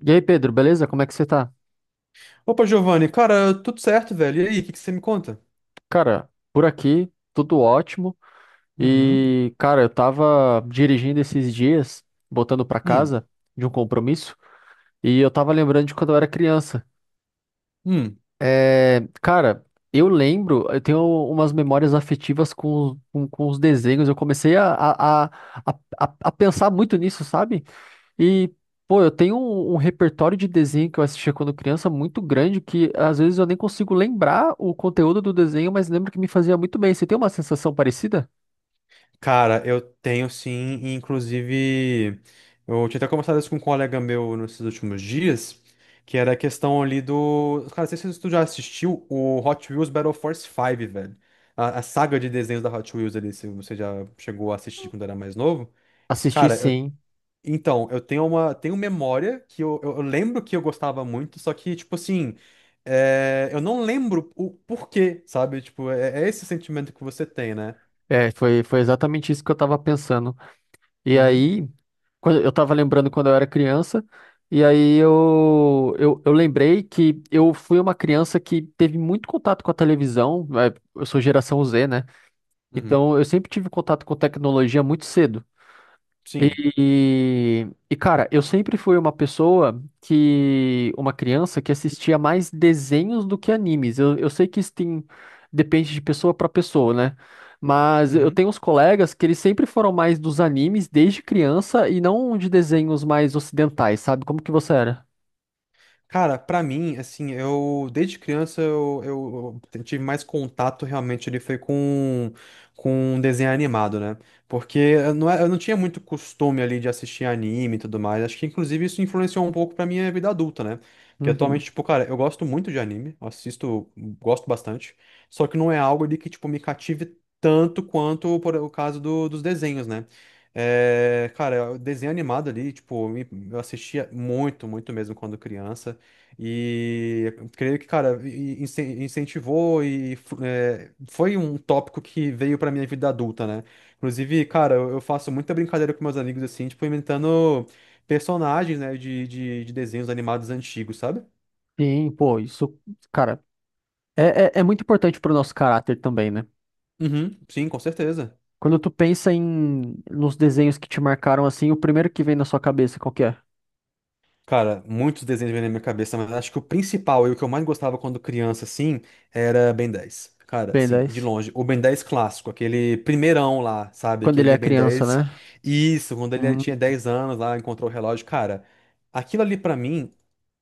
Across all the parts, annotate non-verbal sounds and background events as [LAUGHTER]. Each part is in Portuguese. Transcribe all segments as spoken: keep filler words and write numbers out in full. E aí, Pedro, beleza? Como é que você tá? Opa, Giovanni, cara, tudo certo, velho? E aí, o que que você me conta? Cara, por aqui, tudo ótimo. Uhum. E, cara, eu tava dirigindo esses dias, voltando pra Hum, casa de um compromisso, e eu tava lembrando de quando eu era criança. hum. É, cara, eu lembro, eu tenho umas memórias afetivas com, com, com os desenhos. Eu comecei a, a, a, a, a a pensar muito nisso, sabe? E, pô, eu tenho um, um repertório de desenho que eu assistia quando criança muito grande que às vezes eu nem consigo lembrar o conteúdo do desenho, mas lembro que me fazia muito bem. Você tem uma sensação parecida? Cara, eu tenho sim, e inclusive, eu tinha até conversado isso com um colega meu nesses últimos dias, que era a questão ali do. Cara, não sei se tu já assistiu o Hot Wheels Battle Force cinco, velho. A, a saga de desenhos da Hot Wheels ali, se você já chegou a assistir quando era mais novo. Assisti Cara, eu sim. então, eu tenho uma, tenho memória que eu, eu- eu lembro que eu gostava muito, só que, tipo assim, é, eu não lembro o porquê, sabe? Tipo, é, é esse sentimento que você tem, né? É, foi, foi exatamente isso que eu tava pensando. E Uhum, aí, quando, eu tava lembrando quando eu era criança, e aí eu, eu, eu lembrei que eu fui uma criança que teve muito contato com a televisão. é, Eu sou geração Z, né? uhum, Então eu sempre tive contato com tecnologia muito cedo. sim. E, e, cara, eu sempre fui uma pessoa que, uma criança que assistia mais desenhos do que animes. Eu, eu sei que isso tem, depende de pessoa para pessoa, né? Mas eu tenho uns colegas que eles sempre foram mais dos animes desde criança e não de desenhos mais ocidentais, sabe? Como que você era? Cara, pra mim, assim, eu desde criança eu, eu- eu tive mais contato realmente ele foi com com desenho animado, né? Porque eu não, é- eu não tinha muito costume ali de assistir anime e tudo mais. Acho que inclusive isso influenciou um pouco pra minha vida adulta, né? Porque atualmente, Uhum. tipo, cara, eu gosto muito de anime, eu assisto, gosto bastante. Só que não é algo ali que, tipo, me cative tanto quanto por o caso do- dos desenhos, né? É, cara, o desenho animado ali, tipo, me- eu assistia muito, muito mesmo quando criança. E eu creio que, cara, e- e incen- incentivou e fu- é, foi um tópico que veio pra minha vida adulta, né? Inclusive, cara, eu eu faço muita brincadeira com meus amigos, assim, tipo, inventando personagens, né, de, de, de desenhos animados antigos, sabe? Sim, pô, isso, cara, é, é, é muito importante pro nosso caráter também, né? Uhum, sim, com certeza. Quando tu pensa em nos desenhos que te marcaram assim, o primeiro que vem na sua cabeça, qual que é? Cara, muitos desenhos vêm na minha cabeça, mas acho que o principal e o que eu mais gostava quando criança, assim, era Ben dez. Cara, Ben assim, de dez. longe. O Ben dez clássico, aquele primeirão lá, sabe? Quando ele Aquele é Ben criança, dez. né? Isso, quando ele Hum, tinha dez anos lá, encontrou o relógio. Cara, aquilo ali pra mim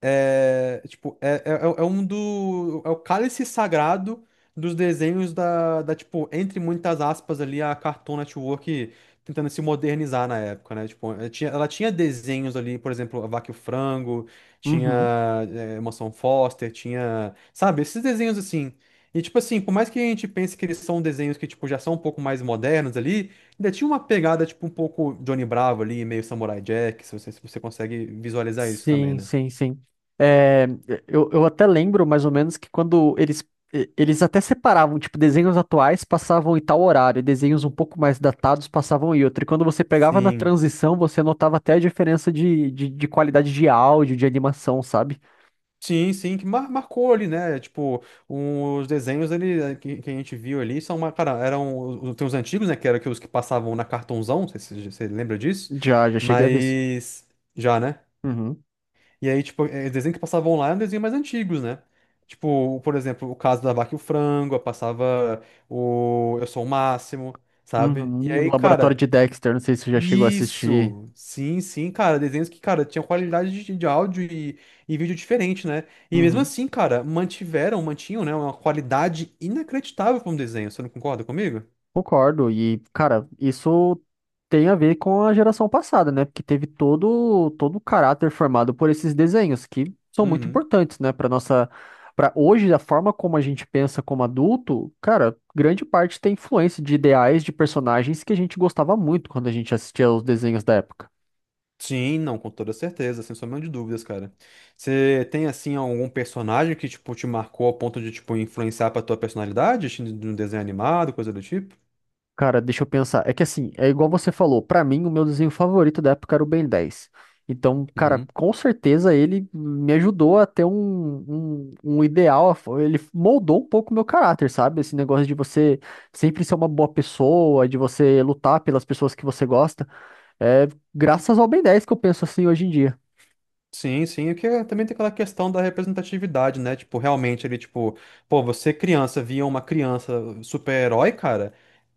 é, tipo, é, é, é é um do... É o cálice sagrado dos desenhos da, da, tipo, entre muitas aspas ali, a Cartoon Network tentando se modernizar na época, né? Tipo, ela tinha, ela tinha desenhos ali, por exemplo, A Vaca e o Frango, tinha uhum. é, Mansão Foster, tinha, sabe, esses desenhos assim. E tipo assim, por mais que a gente pense que eles são desenhos que tipo já são um pouco mais modernos ali, ainda tinha uma pegada tipo um pouco Johnny Bravo ali, meio Samurai Jack, se você, se você consegue visualizar isso também, Sim, né? sim, sim. É, eu, eu até lembro mais ou menos que quando eles e- eles até separavam, tipo, desenhos atuais passavam em tal horário, e desenhos um pouco mais datados passavam em outro. E quando você pegava na Sim. transição, você notava até a diferença de, de, de qualidade de áudio, de animação, sabe? Sim, sim, que mar- marcou ali, né? Tipo, os desenhos ali eh, que, que a gente viu ali são uma, cara, eram os- tem os antigos, né? Que eram os que passavam na cartonzão, não sei se você lembra disso, Já, já cheguei a ver isso. mas já, né? Uhum. E aí, tipo, eh, desenho que passavam lá eram desenhos mais antigos, né? Tipo, por exemplo, o caso da Vaca e o Frango, eu passava o Eu Sou o Máximo, sabe? E Uhum. aí, Laboratório de cara, Dexter, não sei se você já chegou a assistir. isso, sim, sim, cara, desenhos que, cara, tinham qualidade de, de áudio e, e vídeo diferente, né? E mesmo assim, cara, mantiveram, mantinham, né, uma qualidade inacreditável para um desenho, você não concorda comigo? Concordo. E, cara, isso tem a ver com a geração passada, né? Porque teve todo todo o caráter formado por esses desenhos que são muito Uhum. importantes, né, para nossa para hoje a forma como a gente pensa como adulto, cara, grande parte tem influência de ideais de personagens que a gente gostava muito quando a gente assistia aos desenhos da época. Sim, não, com toda certeza, sem sombra de dúvidas, cara. Você tem, assim, algum personagem que, tipo, te marcou ao ponto de, tipo, influenciar pra tua personalidade, assim, de um desenho animado, coisa do tipo? Cara, deixa eu pensar. É que assim, é igual você falou, pra mim o meu desenho favorito da época era o Ben dez. Então, cara, com certeza ele me ajudou a ter um, um, um ideal, ele moldou um pouco o meu caráter, sabe? Esse negócio de você sempre ser uma boa pessoa, de você lutar pelas pessoas que você gosta. É graças ao Ben dez que eu penso assim hoje em dia. Sim, sim, o que é- também tem aquela questão da representatividade, né? Tipo, realmente ele, tipo, pô, você criança via uma criança super-herói, cara.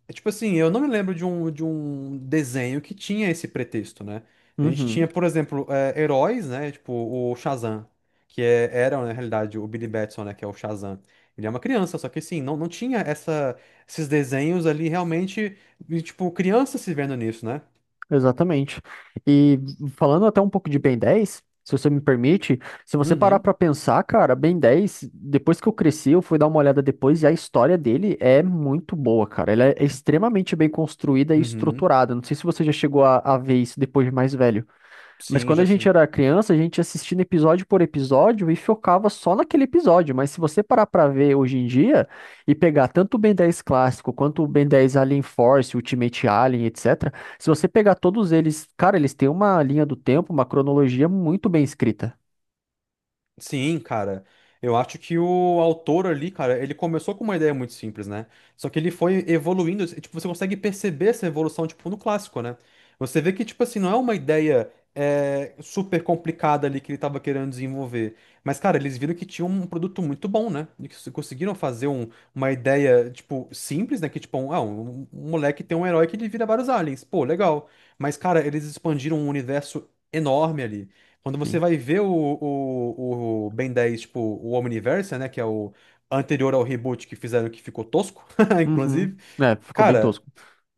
É tipo assim, eu não me lembro de um, de um desenho que tinha esse pretexto, né? A gente Uhum. tinha, por exemplo, é, heróis, né? Tipo, o Shazam, que é, era, na realidade, o Billy Batson, né? Que é o Shazam. Ele é uma criança, só que assim, não, não tinha essa, esses desenhos ali realmente, e, tipo, criança se vendo nisso, né? Exatamente. E falando até um pouco de Ben dez, se você me permite, se você parar Uhum, pra pensar, cara, Ben dez, depois que eu cresci, eu fui dar uma olhada depois e a história dele é muito boa, cara. Ela é extremamente bem construída e uhum, estruturada. Não sei se você já chegou a, a ver isso depois de mais velho. Mas sim, quando a já gente sim. era criança, a gente assistia episódio por episódio e focava só naquele episódio. Mas se você parar pra ver hoje em dia e pegar tanto o Ben dez clássico quanto o Ben dez Alien Force, Ultimate Alien, et cetera, se você pegar todos eles, cara, eles têm uma linha do tempo, uma cronologia muito bem escrita. Sim, cara. Eu acho que o autor ali, cara, ele começou com uma ideia muito simples, né? Só que ele foi evoluindo, e, tipo, você consegue perceber essa evolução, tipo, no clássico, né? Você vê que, tipo assim, não é uma ideia é, super complicada ali que ele tava querendo desenvolver. Mas, cara, eles viram que tinha um produto muito bom, né? E que se- conseguiram fazer um- uma ideia, tipo, simples, né? Que, tipo, um, ah, um, um moleque tem um herói que ele vira vários aliens. Pô, legal. Mas, cara, eles expandiram um universo enorme ali. Quando você Sim. vai ver o, o, o Ben dez, tipo, o Omniverse, né? Que é o anterior ao reboot que fizeram que ficou tosco, [LAUGHS] Uhum. inclusive. É, ficou bem Cara, tosco.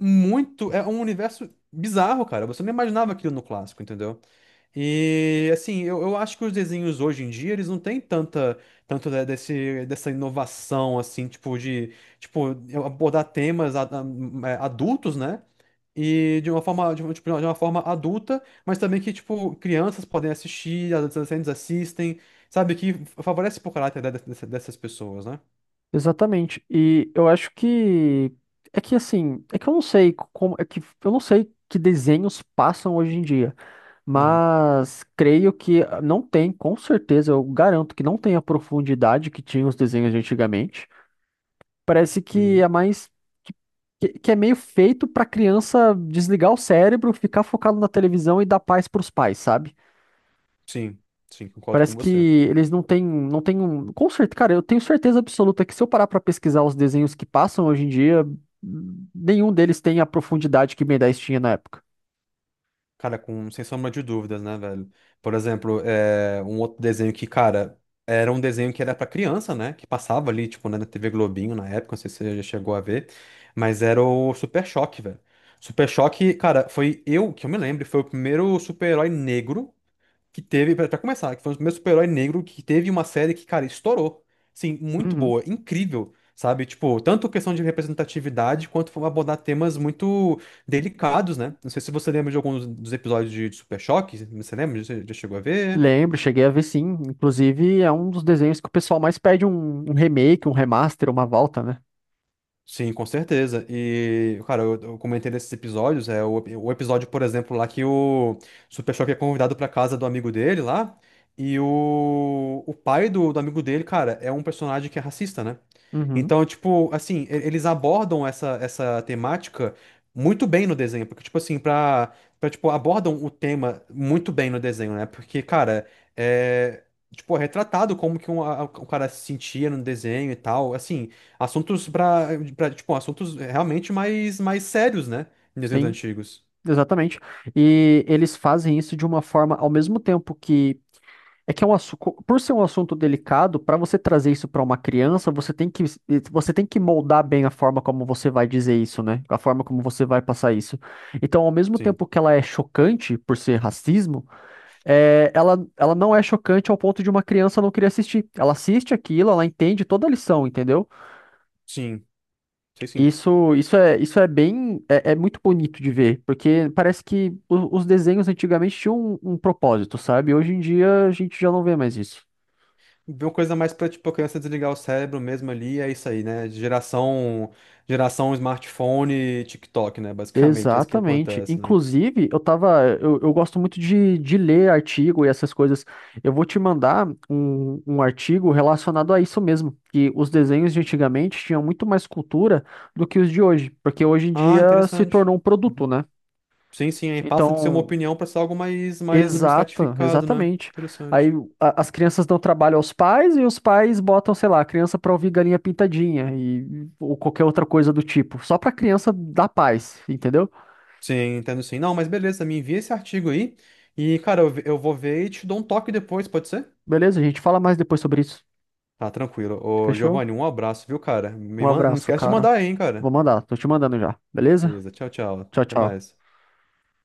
muito. É um universo bizarro, cara. Você não imaginava aquilo no clássico, entendeu? E assim, eu, eu acho que os desenhos hoje em dia, eles não têm tanta, tanto de- desse, dessa inovação, assim, tipo, de tipo, abordar temas a- a- é, adultos, né? E de uma forma, de uma, tipo, de uma forma adulta, mas também que, tipo, crianças podem assistir, adolescentes assistem, sabe? Que favorece pro caráter de- dessa- dessas pessoas, né? Exatamente. E eu acho que é que assim, é que eu não sei como, é que eu não sei que desenhos passam hoje em dia. Uhum, Mas creio que não tem, com certeza, eu garanto que não tem a profundidade que tinha os desenhos de antigamente. Parece que uhum. é mais que, que- é meio feito pra criança desligar o cérebro, ficar focado na televisão e dar paz pros pais, sabe? Sim, sim, concordo com Parece que você. eles não têm, não têm um, com certeza, cara, eu tenho certeza absoluta que se eu parar pra pesquisar os desenhos que passam hoje em dia, nenhum deles tem a profundidade que Ben dez tinha na época. Cara, com, sem sombra de dúvidas, né, velho? Por exemplo, é, um outro desenho que, cara, era um desenho que era pra criança, né? Que passava ali, tipo, né, na T V Globinho na época, não sei se você já chegou a ver, mas era o Super Choque, velho. Super Choque, cara, foi eu, que eu me lembro, foi o primeiro super-herói negro que teve, pra pra começar, que foi um dos primeiros super-herói negro que teve uma série que, cara, estourou. Sim, muito Uhum. boa, incrível, sabe? Tipo, tanto questão de representatividade quanto foi abordar temas muito delicados, né? Não sei se você lembra de alguns dos episódios de, de Super Choque, você lembra? Você já chegou a ver? Lembro, cheguei a ver sim. Inclusive, é um dos desenhos que o pessoal mais pede um, um remake, um remaster, uma volta, né? Sim, com certeza. E, cara, eu, eu comentei desses episódios, é o, o episódio, por exemplo, lá que o Super Choque é convidado pra casa do amigo dele lá, e o, o pai do, do amigo dele, cara, é um personagem que é racista, né? Uhum, Então, tipo, assim, e- eles abordam essa, essa temática muito bem no desenho, porque, tipo assim, pra, pra, tipo, abordam o tema muito bem no desenho, né? Porque, cara, é, tipo, é retratado como que um, a- o cara se sentia no desenho e tal, assim, assuntos pra, pra, tipo, assuntos realmente mais, mais sérios, né? Em desenhos sim, antigos. exatamente. E eles fazem isso de uma forma, ao mesmo tempo que. É que é um assunto, por ser um assunto delicado, para você trazer isso para uma criança, você tem que, você tem que moldar bem a forma como você vai dizer isso, né? A forma como você vai passar isso. Então, ao mesmo Sim, tempo que ela é chocante por ser racismo, é, ela, ela não é chocante ao ponto de uma criança não querer assistir. Ela assiste aquilo, ela entende toda a lição, entendeu? sim, sei sim. Isso, isso é, isso é bem, é, é muito bonito de ver, porque parece que o- os desenhos antigamente tinham um, um propósito, sabe? Hoje em dia a gente já não vê mais isso. Uma coisa mais pra, tipo, a criança desligar o cérebro mesmo ali, é isso aí, né? Geração, geração smartphone e TikTok, né? [LAUGHS] Basicamente, é isso que Exatamente. acontece, né? Inclusive, eu tava, eu, eu gosto muito de, de ler artigo e essas coisas. Eu vou te mandar um, um artigo relacionado a isso mesmo, que os desenhos de antigamente tinham muito mais cultura do que os de hoje, porque hoje em Ah, dia se interessante. tornou um produto, Uhum. né? Sim, sim, aí passa de ser uma Então, opinião pra ser algo mais, mais um exato, estratificado, né? exatamente. Aí Interessante. a- as crianças dão trabalho aos pais e os pais botam, sei lá, a criança pra ouvir galinha pintadinha e ou qualquer outra coisa do tipo, só pra criança dar paz, entendeu? Sim, entendo sim. Não, mas beleza, me envia esse artigo aí e, cara, eu, ve- eu vou ver e te dou um toque depois, pode ser? Beleza, a gente fala mais depois sobre isso. Tá, tranquilo. Ô, Fechou? Giovanni, um abraço, viu, cara? Um Me man... Não abraço, esquece de cara. mandar aí, hein, Vou cara? mandar, tô te mandando já. Beleza? Beleza, tchau, tchau. Tchau, Até tchau. mais.